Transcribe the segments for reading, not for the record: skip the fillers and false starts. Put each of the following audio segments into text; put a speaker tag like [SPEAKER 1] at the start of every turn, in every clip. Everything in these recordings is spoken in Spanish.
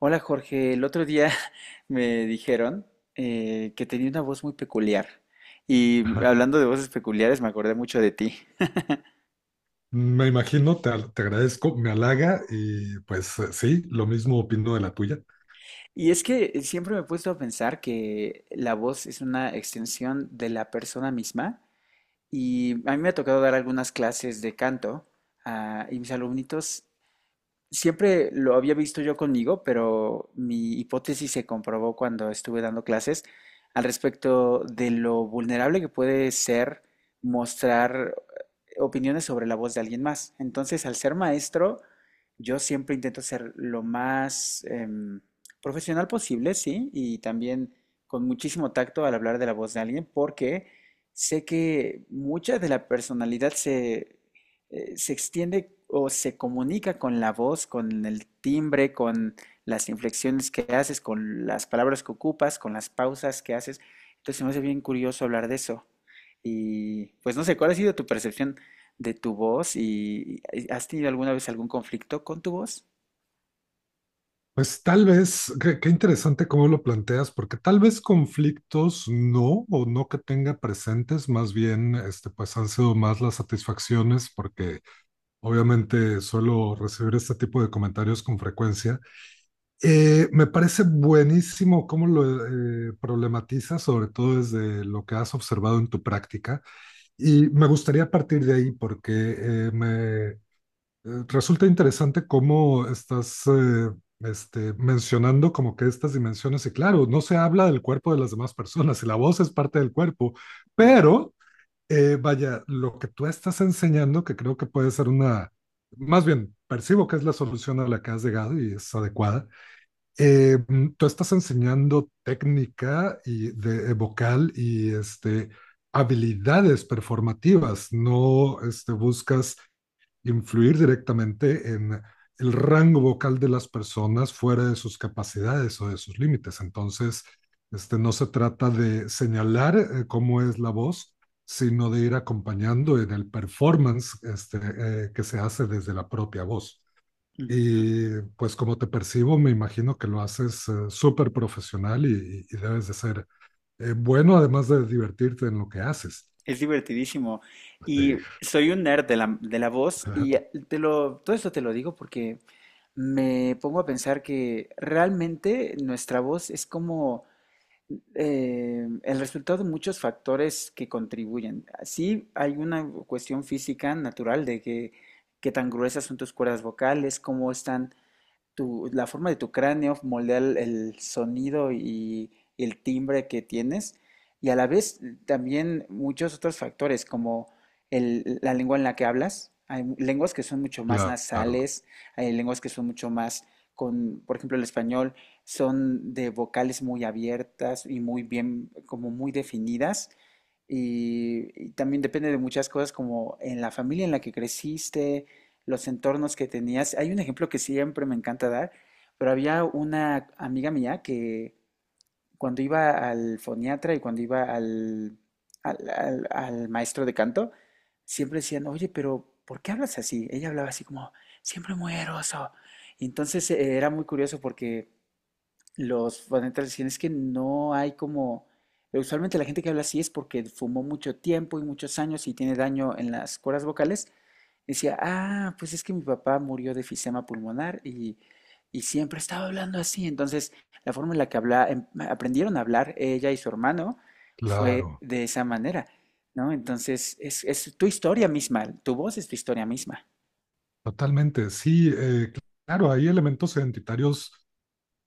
[SPEAKER 1] Hola Jorge, el otro día me dijeron que tenía una voz muy peculiar y
[SPEAKER 2] Ajá.
[SPEAKER 1] hablando de voces peculiares me acordé mucho de ti.
[SPEAKER 2] Me imagino, te agradezco, me halaga y pues sí, lo mismo opino de la tuya.
[SPEAKER 1] Y es que siempre me he puesto a pensar que la voz es una extensión de la persona misma, y a mí me ha tocado dar algunas clases de canto, y mis alumnitos. Siempre lo había visto yo conmigo, pero mi hipótesis se comprobó cuando estuve dando clases al respecto de lo vulnerable que puede ser mostrar opiniones sobre la voz de alguien más. Entonces, al ser maestro, yo siempre intento ser lo más profesional posible, sí, y también con muchísimo tacto al hablar de la voz de alguien, porque sé que mucha de la personalidad se, se extiende o se comunica con la voz, con el timbre, con las inflexiones que haces, con las palabras que ocupas, con las pausas que haces. Entonces se me hace bien curioso hablar de eso. Y pues no sé, ¿cuál ha sido tu percepción de tu voz? ¿Y has tenido alguna vez algún conflicto con tu voz?
[SPEAKER 2] Pues tal vez, qué interesante cómo lo planteas, porque tal vez conflictos no, o no que tenga presentes, más bien, este, pues han sido más las satisfacciones, porque obviamente suelo recibir este tipo de comentarios con frecuencia. Me parece buenísimo cómo lo problematizas, sobre todo desde lo que has observado en tu práctica. Y me gustaría partir de ahí porque me resulta interesante cómo estás este, mencionando como que estas dimensiones, y claro, no se habla del cuerpo de las demás personas y la voz es parte del cuerpo,
[SPEAKER 1] Ujú,
[SPEAKER 2] pero vaya, lo que tú estás enseñando, que creo que puede ser una, más bien, percibo que es la solución a la que has llegado y es adecuada. Tú estás enseñando técnica y vocal y este, habilidades performativas, no este, buscas influir directamente en el rango vocal de las personas fuera de sus capacidades o de sus límites. Entonces, este, no se trata de señalar cómo es la voz, sino de ir acompañando en el performance este, que se hace desde la propia voz.
[SPEAKER 1] ujú.
[SPEAKER 2] Y pues como te percibo, me imagino que lo haces súper profesional y debes de ser bueno, además de divertirte en lo que haces.
[SPEAKER 1] Es divertidísimo. Y
[SPEAKER 2] Sí.
[SPEAKER 1] soy un nerd de la voz y te lo, todo esto te lo digo porque me pongo a pensar que realmente nuestra voz es como el resultado de muchos factores que contribuyen. Sí, hay una cuestión física natural de que qué tan gruesas son tus cuerdas vocales, cómo están tu, la forma de tu cráneo moldea el sonido y el timbre que tienes, y a la vez también muchos otros factores, como la lengua en la que hablas. Hay lenguas que son mucho más
[SPEAKER 2] Claro,
[SPEAKER 1] nasales, hay lenguas que son mucho más con, por ejemplo, el español son de vocales muy abiertas y muy bien, como muy definidas, y también depende de muchas cosas como en la familia en la que creciste, los entornos que tenías. Hay un ejemplo que siempre me encanta dar, pero había una amiga mía que cuando iba al foniatra y cuando iba al maestro de canto, siempre decían, oye, pero ¿por qué hablas así? Ella hablaba así como, siempre muy eroso. Y entonces era muy curioso porque los fanáticos dicen es que no hay como... Usualmente la gente que habla así es porque fumó mucho tiempo y muchos años y tiene daño en las cuerdas vocales. Decía, ah, pues es que mi papá murió de enfisema pulmonar y siempre estaba hablando así. Entonces, la forma en la que habla, aprendieron a hablar ella y su hermano fue
[SPEAKER 2] claro,
[SPEAKER 1] de esa manera, ¿no? Entonces, es tu historia misma, tu voz es tu historia misma.
[SPEAKER 2] totalmente. Sí, claro, hay elementos identitarios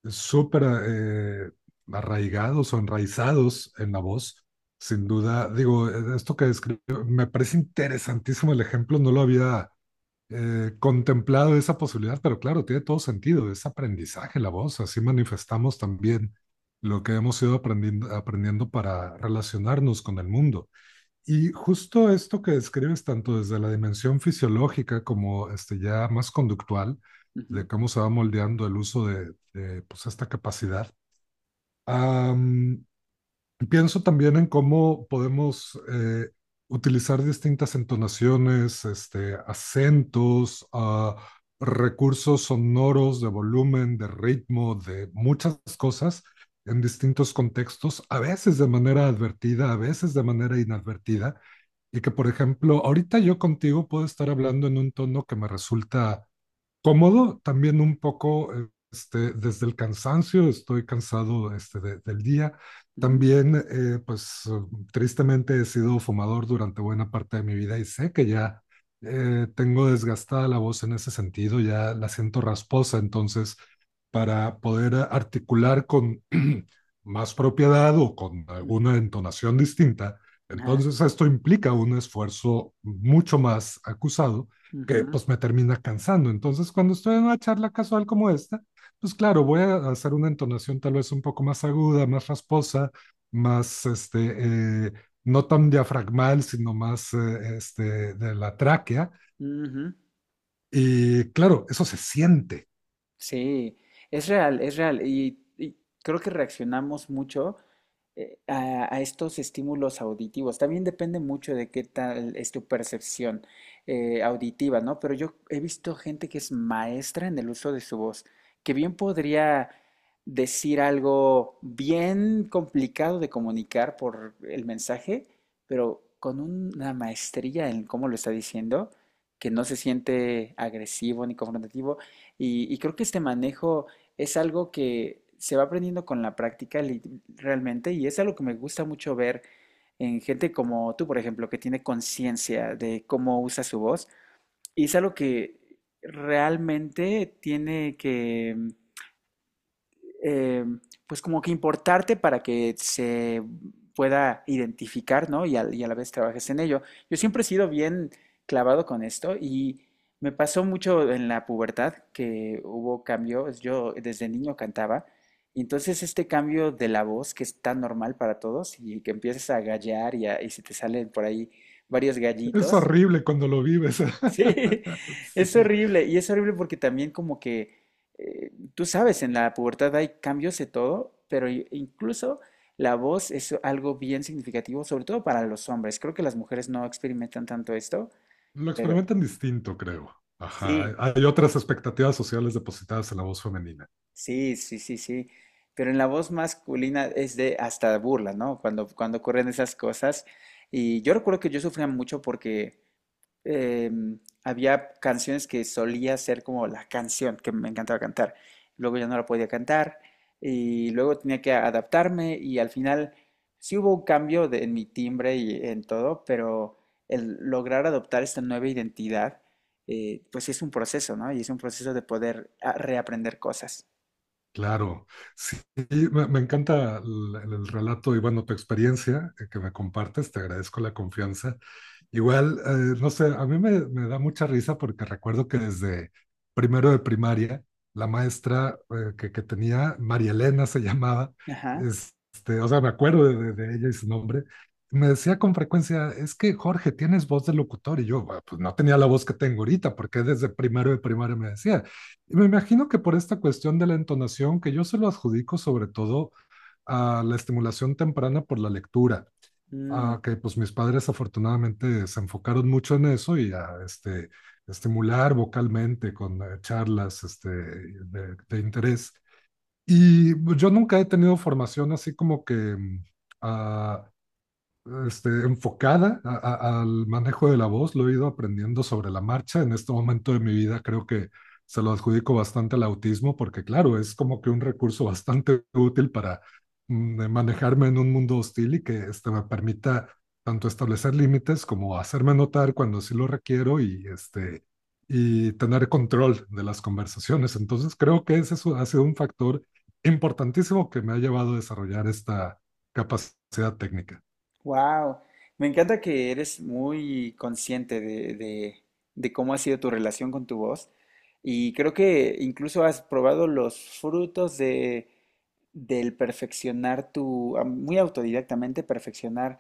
[SPEAKER 2] súper arraigados o enraizados en la voz, sin duda. Digo, esto que describo, me parece interesantísimo el ejemplo, no lo había contemplado esa posibilidad, pero claro, tiene todo sentido, es aprendizaje la voz, así manifestamos también lo que hemos ido aprendiendo para relacionarnos con el mundo. Y justo esto que describes tanto desde la dimensión fisiológica como este, ya más conductual,
[SPEAKER 1] Ujú,
[SPEAKER 2] de cómo se va moldeando el uso pues, esta capacidad. am, Pienso también en cómo podemos utilizar distintas entonaciones, este, acentos, recursos sonoros de volumen, de ritmo, de muchas cosas en distintos contextos, a veces de manera advertida, a veces de manera inadvertida. Y que, por ejemplo, ahorita yo contigo puedo estar hablando en un tono que me resulta cómodo, también un poco este, desde el cansancio, estoy cansado este, del día.
[SPEAKER 1] ujú,
[SPEAKER 2] También, tristemente he sido fumador durante buena parte de mi vida y sé que ya tengo desgastada la voz en ese sentido, ya la siento rasposa, entonces para poder articular con más propiedad o con
[SPEAKER 1] ujú,
[SPEAKER 2] alguna entonación distinta.
[SPEAKER 1] ajá,
[SPEAKER 2] Entonces esto implica un esfuerzo mucho más acusado que
[SPEAKER 1] ujú,
[SPEAKER 2] pues me termina cansando. Entonces cuando estoy en una charla casual como esta, pues claro, voy a hacer una entonación tal vez un poco más aguda, más rasposa, más este, no tan diafragmal, sino más este, de la tráquea.
[SPEAKER 1] ujú.
[SPEAKER 2] Y claro, eso se siente.
[SPEAKER 1] Sí, es real, es real. Y creo que reaccionamos mucho a estos estímulos auditivos. También depende mucho de qué tal es tu percepción auditiva, ¿no? Pero yo he visto gente que es maestra en el uso de su voz, que bien podría decir algo bien complicado de comunicar por el mensaje, pero con una maestría en cómo lo está diciendo, que no se siente agresivo ni confrontativo. Y creo que este manejo es algo que se va aprendiendo con la práctica realmente y es algo que me gusta mucho ver en gente como tú, por ejemplo, que tiene conciencia de cómo usa su voz. Y es algo que realmente tiene que eh, pues como que importarte para que se pueda identificar, ¿no? Y a la vez trabajes en ello. Yo siempre he sido bien clavado con esto y me pasó mucho en la pubertad que hubo cambios. Yo desde niño cantaba, y entonces este cambio de la voz que es tan normal para todos y que empiezas a gallear y, y se te salen por ahí varios
[SPEAKER 2] Es
[SPEAKER 1] gallitos.
[SPEAKER 2] horrible cuando lo vives.
[SPEAKER 1] Sí, es
[SPEAKER 2] Sí,
[SPEAKER 1] horrible, y es horrible porque también como que, tú sabes, en la pubertad hay cambios de todo, pero incluso la voz es algo bien significativo, sobre todo para los hombres. Creo que las mujeres no experimentan tanto esto,
[SPEAKER 2] lo
[SPEAKER 1] pero
[SPEAKER 2] experimentan distinto, creo.
[SPEAKER 1] sí,
[SPEAKER 2] Ajá, hay otras expectativas sociales depositadas en la voz femenina.
[SPEAKER 1] sí, sí, sí, sí. Pero en la voz masculina es de hasta burla, ¿no? Cuando, cuando ocurren esas cosas. Y yo recuerdo que yo sufría mucho porque em, había canciones que solía ser como la canción que me encantaba cantar. Luego ya no la podía cantar, y luego tenía que adaptarme y al final sí hubo un cambio en mi timbre y en todo, pero el lograr adoptar esta nueva identidad, pues sí es un proceso, ¿no? Y es un proceso de poder reaprender cosas.
[SPEAKER 2] Claro, sí, me encanta el relato y bueno, tu experiencia que me compartes, te agradezco la confianza. Igual, no sé, a mí me da mucha risa porque recuerdo que desde primero de primaria, la maestra que tenía, María Elena se llamaba,
[SPEAKER 1] Ajá.
[SPEAKER 2] este, o sea, me acuerdo de ella y su nombre, me decía con frecuencia, es que Jorge, tienes voz de locutor y yo, "Bueno, pues no tenía la voz que tengo ahorita", porque desde primero de primaria me decía, me imagino que por esta cuestión de la entonación, que yo se lo adjudico sobre todo a la estimulación temprana por la lectura,
[SPEAKER 1] Mm.
[SPEAKER 2] a que pues mis padres afortunadamente se enfocaron mucho en eso y a este, estimular vocalmente con charlas este, de interés. Y pues, yo nunca he tenido formación así como que ah, este, enfocada al manejo de la voz, lo he ido aprendiendo sobre la marcha. En este momento de mi vida creo que se lo adjudico bastante al autismo porque, claro, es como que un recurso bastante útil para manejarme en un mundo hostil y que este, me permita tanto establecer límites como hacerme notar cuando sí lo requiero y, este, y tener control de las conversaciones. Entonces creo que ese es ha sido un factor importantísimo que me ha llevado a desarrollar esta capacidad técnica.
[SPEAKER 1] Wow, me encanta que eres muy consciente de, de cómo ha sido tu relación con tu voz, y creo que incluso has probado los frutos de, del perfeccionar tu, muy autodidactamente perfeccionar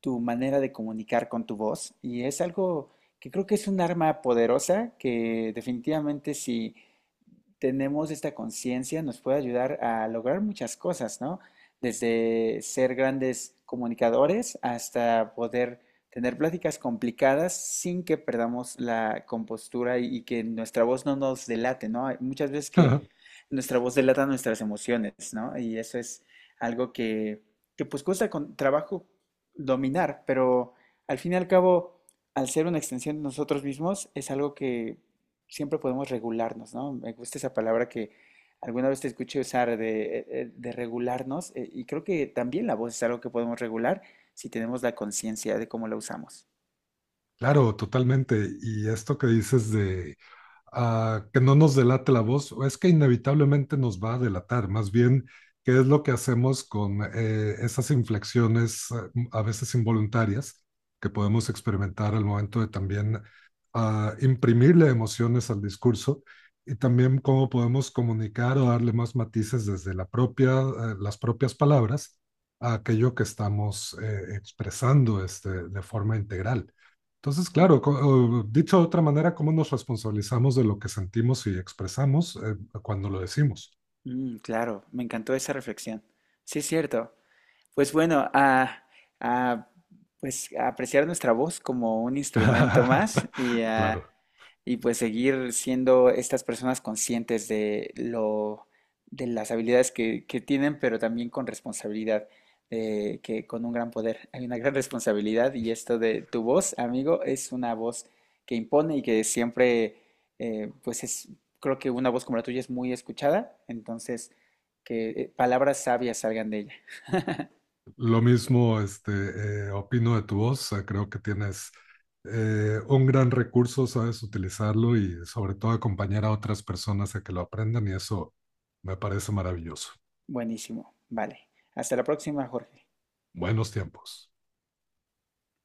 [SPEAKER 1] tu manera de comunicar con tu voz, y es algo que creo que es un arma poderosa que definitivamente si tenemos esta conciencia nos puede ayudar a lograr muchas cosas, ¿no? Desde ser grandes comunicadores hasta poder tener pláticas complicadas sin que perdamos la compostura y que nuestra voz no nos delate, ¿no? Hay muchas veces que nuestra voz delata nuestras emociones, ¿no? Y eso es algo que pues cuesta con trabajo dominar, pero al fin y al cabo, al ser una extensión de nosotros mismos, es algo que siempre podemos regularnos, ¿no? Me gusta esa palabra que alguna vez te escuché usar de regularnos, y creo que también la voz es algo que podemos regular si tenemos la conciencia de cómo la usamos.
[SPEAKER 2] Claro, totalmente. Y esto que dices de que no nos delate la voz, es que inevitablemente nos va a delatar, más bien, qué es lo que hacemos con esas inflexiones a veces involuntarias que podemos experimentar al momento de también imprimirle emociones al discurso y también cómo podemos comunicar o darle más matices desde la propia, las propias palabras a aquello que estamos expresando este, de forma integral. Entonces,
[SPEAKER 1] Mm,
[SPEAKER 2] claro, o dicho de otra manera, ¿cómo nos responsabilizamos de lo que sentimos y expresamos cuando lo decimos?
[SPEAKER 1] mm, claro, me encantó esa reflexión. Sí, es cierto. Pues bueno, a, pues a apreciar nuestra voz como un instrumento más y, a,
[SPEAKER 2] Claro,
[SPEAKER 1] y pues seguir siendo estas personas conscientes de lo, de las habilidades que tienen, pero también con responsabilidad, que con un gran poder hay una gran responsabilidad y esto de tu voz, amigo, es una voz que impone y que siempre, pues es, creo que una voz como la tuya es muy escuchada, entonces que palabras sabias salgan de ella.
[SPEAKER 2] lo mismo este, opino de tu voz, creo que tienes un gran recurso, sabes utilizarlo y sobre todo acompañar a otras personas a que lo aprendan y eso me parece maravilloso.
[SPEAKER 1] Buenísimo. Vale. Hasta la próxima, Jorge.
[SPEAKER 2] Buenos tiempos.